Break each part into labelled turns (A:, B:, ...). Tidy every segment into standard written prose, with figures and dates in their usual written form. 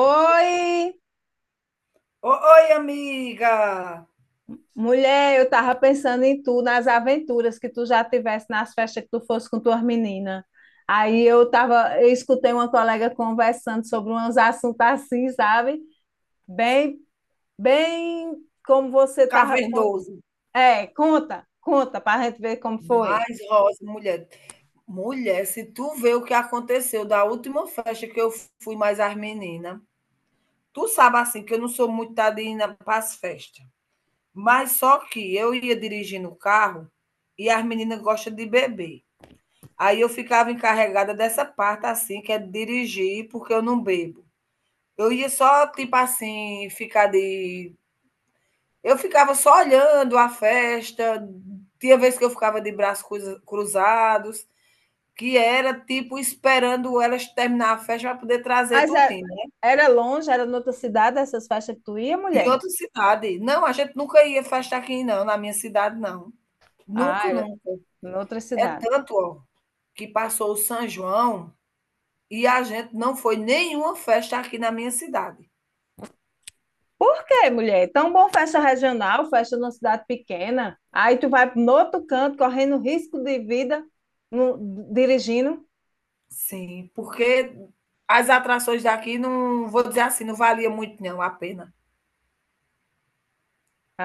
A: Oi,
B: O oi, amiga,
A: mulher, eu tava pensando em tu, nas aventuras que tu já tivesse nas festas que tu fosse com tuas meninas. Aí eu tava, eu escutei uma colega conversando sobre uns assuntos assim, sabe? Bem, bem como você tava. Con-
B: cavernoso,
A: é, conta, pra gente ver como foi.
B: mais rosa, mulher. Mulher, se tu vê o que aconteceu da última festa que eu fui mais as menina, tu sabe, assim, que eu não sou muito da na para as festa, mas só que eu ia dirigindo o carro e as meninas gostam de beber. Aí eu ficava encarregada dessa parte, assim, que é dirigir, porque eu não bebo. Eu ia só, tipo assim, ficar de Eu ficava só olhando a festa, tinha vez que eu ficava de braços cruzados, que era tipo esperando elas terminar a festa para poder trazer
A: Mas é-
B: tudinho, né.
A: Era longe, era noutra cidade essas festas que tu ia,
B: Em
A: mulher?
B: outra cidade. Não, a gente nunca ia festa aqui não, na minha cidade não.
A: Ah,
B: Nunca,
A: era
B: nunca.
A: noutra
B: É
A: cidade.
B: tanto, ó, que passou o São João e a gente não foi nenhuma festa aqui na minha cidade.
A: Por quê, mulher? Tão bom festa regional, festa numa cidade pequena. Aí tu vai no outro canto, correndo risco de vida, no- dirigindo.
B: Sim, porque as atrações daqui não vou dizer assim, não valia muito não a pena.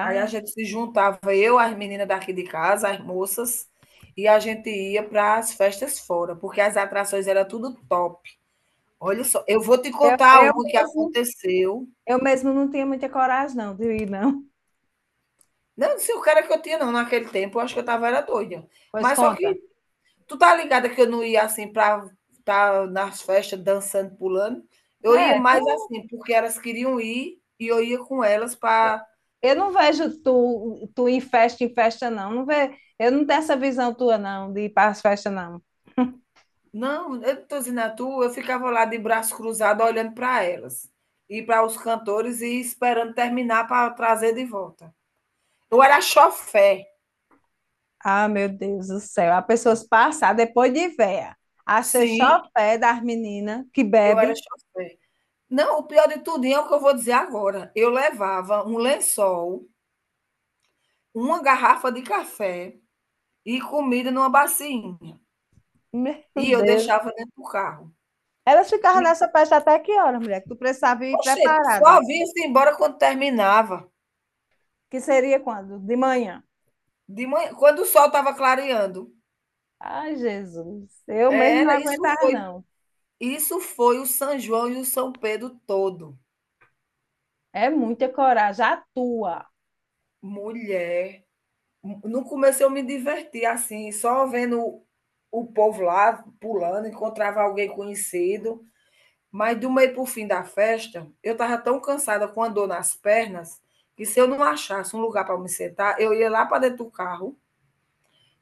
B: Aí a gente se juntava, eu, as meninas daqui de casa, as moças, e a gente ia para as festas fora, porque as atrações era tudo top. Olha só, eu vou te
A: eu,
B: contar
A: eu
B: uma que
A: mesmo,
B: aconteceu.
A: eu mesmo não tinha muita coragem, não, de ir, não.
B: Não, não sei o cara que eu tinha, não, naquele tempo, eu acho que eu estava era doida.
A: Pois
B: Mas só
A: conta.
B: que tu tá ligada que eu não ia assim para estar nas festas dançando, pulando. Eu ia
A: É,
B: mais
A: tu,
B: assim, porque elas queriam ir e eu ia com elas para
A: eu não vejo tu em festa, não. Não ve, eu não tenho essa visão tua, não, de ir para as festas, não.
B: Não, eu não estou dizendo a tu, eu ficava lá de braço cruzado olhando para elas e para os cantores e esperando terminar para trazer de volta. Eu era chofé.
A: Ah, meu Deus do céu. As pessoas passam depois de véia. Achei só
B: Sim,
A: o pé das meninas que
B: eu era
A: bebe.
B: chofé. Não, o pior de tudo é o que eu vou dizer agora. Eu levava um lençol, uma garrafa de café e comida numa bacinha.
A: Meu
B: E eu
A: Deus.
B: deixava dentro do carro.
A: Elas ficavam
B: E,
A: nessa festa até que horas, mulher? Que tu precisava ir
B: poxa, só
A: preparada.
B: vinha-se embora quando terminava.
A: Que seria quando? De manhã.
B: De manhã, quando o sol estava clareando.
A: Ai, Jesus. Eu mesmo não
B: Era, isso
A: aguentava,
B: foi
A: não.
B: Isso foi o São João e o São Pedro todo.
A: É muita coragem. A tua.
B: Mulher, no começo eu me diverti assim, só vendo o povo lá pulando, encontrava alguém conhecido, mas do meio para o fim da festa, eu estava tão cansada com a dor nas pernas, que se eu não achasse um lugar para me sentar, eu ia lá para dentro do carro,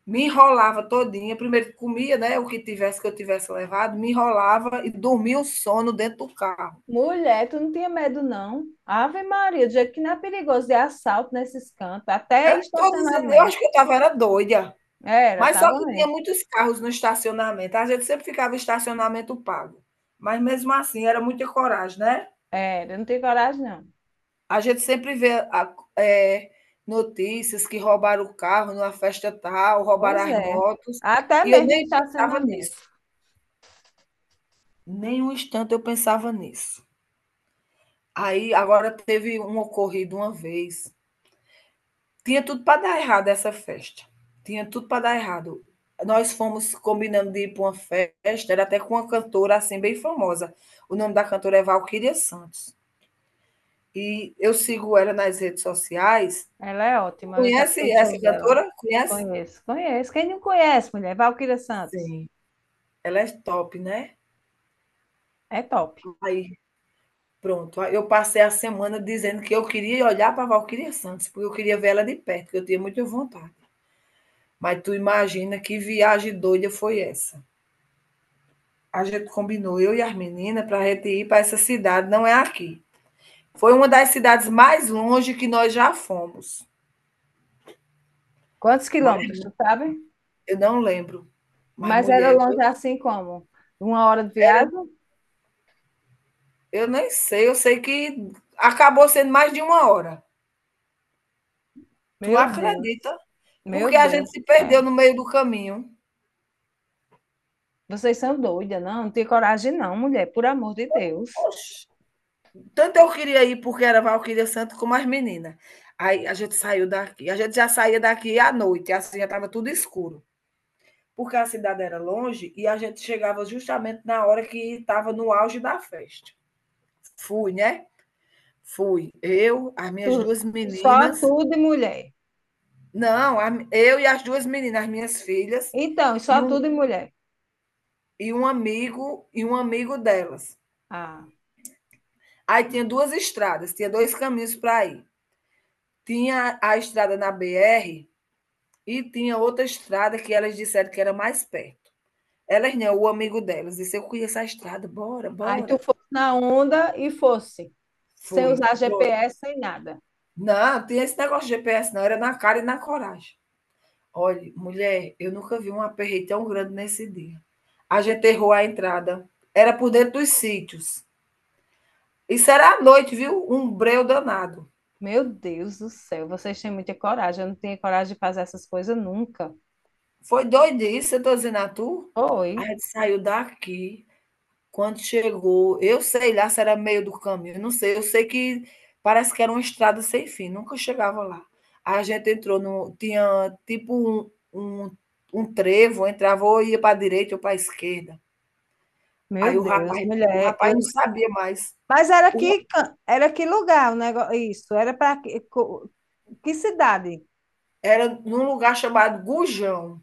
B: me enrolava todinha, primeiro comia, né, o que tivesse que eu tivesse levado, me enrolava e dormia o sono dentro do carro.
A: Mulher, tu não tinha medo, não. Ave Maria, do jeito que não é perigoso de assalto nesses cantos, até
B: Eu tô dizendo, eu
A: estacionamento.
B: acho que eu estava era doida.
A: Era,
B: Mas só
A: tava
B: que tinha
A: mesmo.
B: muitos carros no estacionamento. A gente sempre ficava em estacionamento pago, mas mesmo assim era muita coragem, né.
A: Era, eu não tinha coragem, não.
B: A gente sempre vê a notícias que roubaram o carro numa festa tal, roubaram
A: Pois
B: as
A: é.
B: motos,
A: Até
B: e eu
A: mesmo em
B: nem pensava
A: estacionamento.
B: nisso, nem um instante eu pensava nisso. Aí agora teve um ocorrido uma vez Tinha tudo para dar errado essa festa. Tinha tudo para dar errado. Nós fomos combinando de ir para uma festa, era até com uma cantora assim bem famosa. O nome da cantora é Valquíria Santos. E eu sigo ela nas redes sociais.
A: Ela é ótima, eu já fui
B: Conhece
A: show
B: essa
A: dela.
B: cantora? Conhece?
A: Conheço, conheço. Quem não conhece, mulher? Valquíria Santos.
B: Sim. Ela é top, né?
A: É top.
B: Aí, pronto. Aí eu passei a semana dizendo que eu queria olhar para Valquíria Santos, porque eu queria ver ela de perto, que eu tinha muita vontade. Mas tu imagina que viagem doida foi essa. A gente combinou, eu e as meninas, para a gente ir para essa cidade, não é aqui. Foi uma das cidades mais longe que nós já fomos.
A: Quantos
B: Mas
A: quilômetros, tu sabe?
B: eu não lembro. Mas,
A: Mas era
B: mulher,
A: longe assim como? Uma hora de viagem?
B: eu nem sei, eu sei que acabou sendo mais de uma hora. Tu
A: Meu Deus,
B: acredita?
A: meu
B: Porque a
A: Deus
B: gente
A: do
B: se perdeu
A: céu.
B: no meio do caminho.
A: Vocês são doidas, não? Não tem coragem, não, mulher, por amor de Deus.
B: Oxe. Tanto eu queria ir porque era Valquíria Santo como as meninas. Aí a gente saiu daqui. A gente já saía daqui à noite, assim já estava tudo escuro. Porque a cidade era longe e a gente chegava justamente na hora que estava no auge da festa. Fui, né? Fui. Eu, as minhas
A: Tu-
B: duas
A: só
B: meninas.
A: tudo e mulher.
B: Não, eu e as duas meninas, as minhas filhas,
A: Então,
B: e
A: só
B: um,
A: tudo e mulher.
B: e um amigo delas.
A: Ah,
B: Aí tinha duas estradas, tinha dois caminhos para ir. Tinha a estrada na BR e tinha outra estrada que elas disseram que era mais perto. Elas não, o amigo delas disse: Eu conheço a estrada, bora,
A: aí tu
B: bora.
A: fosse na onda e fosse, sem
B: Fui.
A: usar GPS, sem nada.
B: Não, tem esse negócio de GPS não, era na cara e na coragem. Olhe, mulher, eu nunca vi um aperreio tão grande nesse dia. A gente errou a entrada, era por dentro dos sítios. Isso era à noite, viu? Um breu danado.
A: Meu Deus do céu, vocês têm muita coragem. Eu não tinha coragem de fazer essas coisas nunca.
B: Foi doidice, eu tô dizendo a tu. A
A: Oi.
B: gente saiu daqui. Quando chegou, eu sei lá se era meio do caminho, não sei, eu sei que parece que era uma estrada sem fim, nunca chegava lá. A gente entrou no tinha tipo um um trevo, entrava ou ia pra direita ou pra esquerda.
A: Meu
B: Aí
A: Deus,
B: o
A: mulher,
B: rapaz
A: eu...
B: não sabia mais.
A: mas era
B: O ra
A: que can- era que lugar o negócio, isso, era para que, co- que cidade?
B: era num lugar chamado Gujão,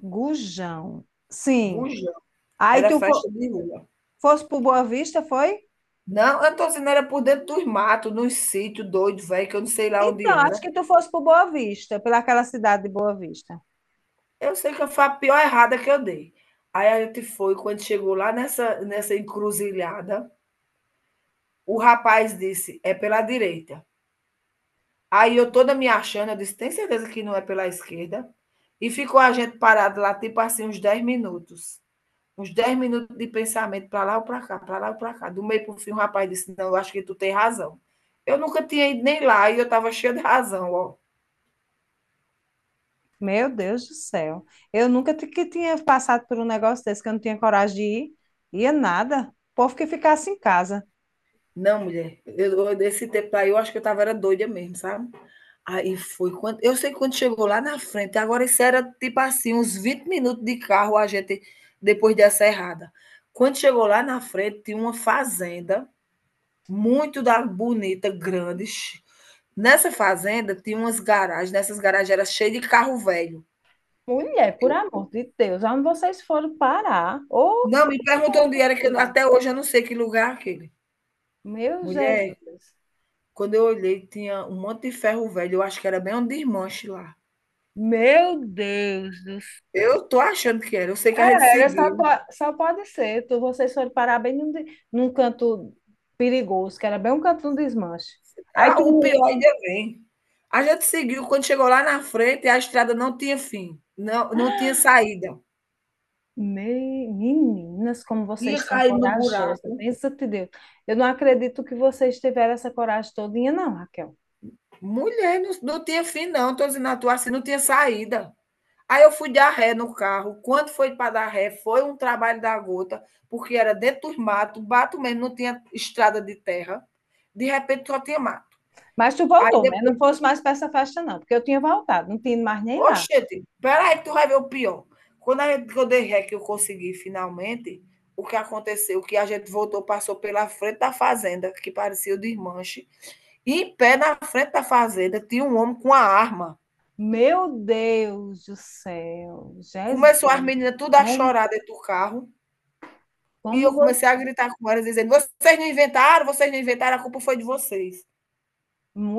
A: Gujão. Sim.
B: Gujão,
A: Aí
B: era
A: tu fo-
B: festa de rua.
A: fosse para Boa Vista, foi?
B: Não, eu tô dizendo, era por dentro dos matos, num sítio doido velho, que eu não sei lá onde
A: Então, acho
B: era.
A: que tu fosse para Boa Vista, pelaquela cidade de Boa Vista.
B: Eu sei que foi a pior errada que eu dei. Aí a gente foi, quando chegou lá nessa encruzilhada, o rapaz disse, é pela direita. Aí eu toda me achando, eu disse, tem certeza que não é pela esquerda? E ficou a gente parado lá, tipo assim, uns 10 minutos. Uns 10 minutos de pensamento, para lá ou para cá, para lá ou para cá. Do meio para o fim, o rapaz disse, não, eu acho que tu tem razão. Eu nunca tinha ido nem lá e eu estava cheia de razão, ó.
A: Meu Deus do céu. Eu nunca ti- que tinha passado por um negócio desse que eu não tinha coragem de ir. Ia nada. O povo que ficasse em casa.
B: Não, mulher, eu, desse tempo aí eu acho que eu estava era doida mesmo, sabe? Aí foi quando eu sei que quando chegou lá na frente, agora isso era tipo assim, uns 20 minutos de carro a gente depois dessa errada. Quando chegou lá na frente, tinha uma fazenda muito da bonita, grande. Nessa fazenda tinha umas garagens, nessas garagens era cheio de carro velho.
A: Mulher, por
B: Eu-
A: amor de Deus, onde vocês foram parar? Ô,
B: não, me perguntou onde era, até hoje eu não sei que lugar é aquele.
A: meu
B: Mulher,
A: Jesus.
B: quando eu olhei, tinha um monte de ferro velho, eu acho que era bem um desmanche lá.
A: Meu Deus do céu.
B: Eu tô achando que era, eu sei que a gente
A: Só,
B: seguiu.
A: po- só pode ser. Tu, vocês foram parar bem num, de- num canto perigoso, que era bem um canto de um desmanche. Aí
B: Ah, o
A: tu.
B: pior ainda vem. A gente seguiu, quando chegou lá na frente, a estrada não tinha fim, não tinha saída.
A: Me- meninas, como
B: Ia
A: vocês são
B: cair no
A: corajosas,
B: buraco.
A: bênção de Deus. Eu não acredito que vocês tiveram essa coragem todinha, não, Raquel.
B: Mulher, não tinha fim não, tô dizendo a tu assim, não tinha saída. Aí eu fui dar ré no carro, quando foi para dar ré, foi um trabalho da gota, porque era dentro dos mato, mato mesmo, não tinha estrada de terra, de repente só tinha mato.
A: Mas tu
B: Aí
A: voltou, né? Não
B: depois
A: fosse mais para essa festa, não, porque eu tinha voltado, não tinha ido mais nem lá.
B: Oxente, peraí, que tu vai ver o pior. Quando, quando eu dei que eu consegui finalmente, o que aconteceu, que a gente voltou, passou pela frente da fazenda, que parecia o desmanche, e em pé na frente da fazenda tinha um homem com a arma.
A: Meu Deus do céu, Jesus,
B: Começou as meninas tudo a
A: como,
B: chorar dentro do carro, e eu
A: como
B: comecei a
A: você.
B: gritar com elas, dizendo, vocês não inventaram, a culpa foi de vocês.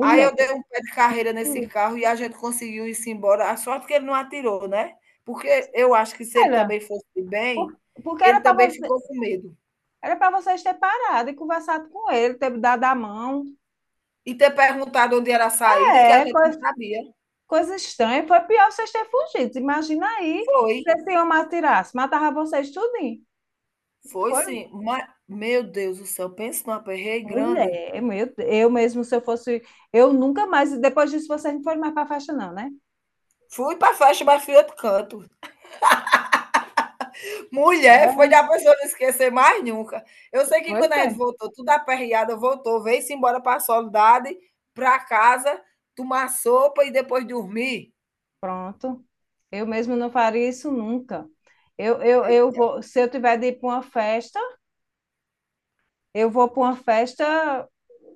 B: Aí eu dei um pé de carreira nesse
A: sim.
B: carro e a gente conseguiu ir-se embora. A sorte que ele não atirou, né, porque eu acho que se ele
A: Era,
B: também fosse bem,
A: por- porque
B: ele
A: era para
B: também
A: você,
B: ficou com medo.
A: era para vocês ter parado e conversado com ele, ter dado a mão.
B: E ter perguntado onde era a saída, que a
A: É,
B: gente não
A: coisa,
B: sabia.
A: coisa estranha. Foi pior vocês terem fugido. Imagina aí
B: Foi,
A: se esse homem atirasse, matava vocês tudinho.
B: foi
A: Foi
B: sim, ma meu Deus do céu, pense em um aperreio grande.
A: mulher, meu Deus. Eu mesmo, se eu fosse, eu nunca mais, depois disso vocês não foram mais para festa não, né?
B: Fui para a festa, mas fui outro canto.
A: É,
B: Mulher, foi da pessoa não esquecer mais nunca. Eu sei que
A: pois
B: quando a gente
A: é.
B: voltou, tudo aperreada, voltou, veio-se embora para a Soledade, para casa, tomar sopa e depois dormir.
A: Pronto. Eu mesmo não faria isso nunca. Eu
B: Eita,
A: vou, se eu tiver de ir para uma festa, eu vou para uma festa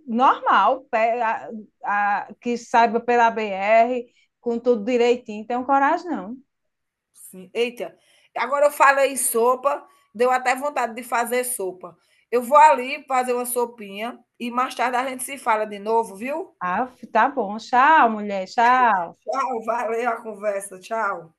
A: normal, pe- a- que saiba pela BR, com tudo direitinho. Tenho coragem, não.
B: sim, eita. Agora eu falei em sopa, deu até vontade de fazer sopa. Eu vou ali fazer uma sopinha e mais tarde a gente se fala de novo, viu?
A: Ah, tá bom. Tchau, mulher. Tchau.
B: Tchau, valeu a conversa, tchau.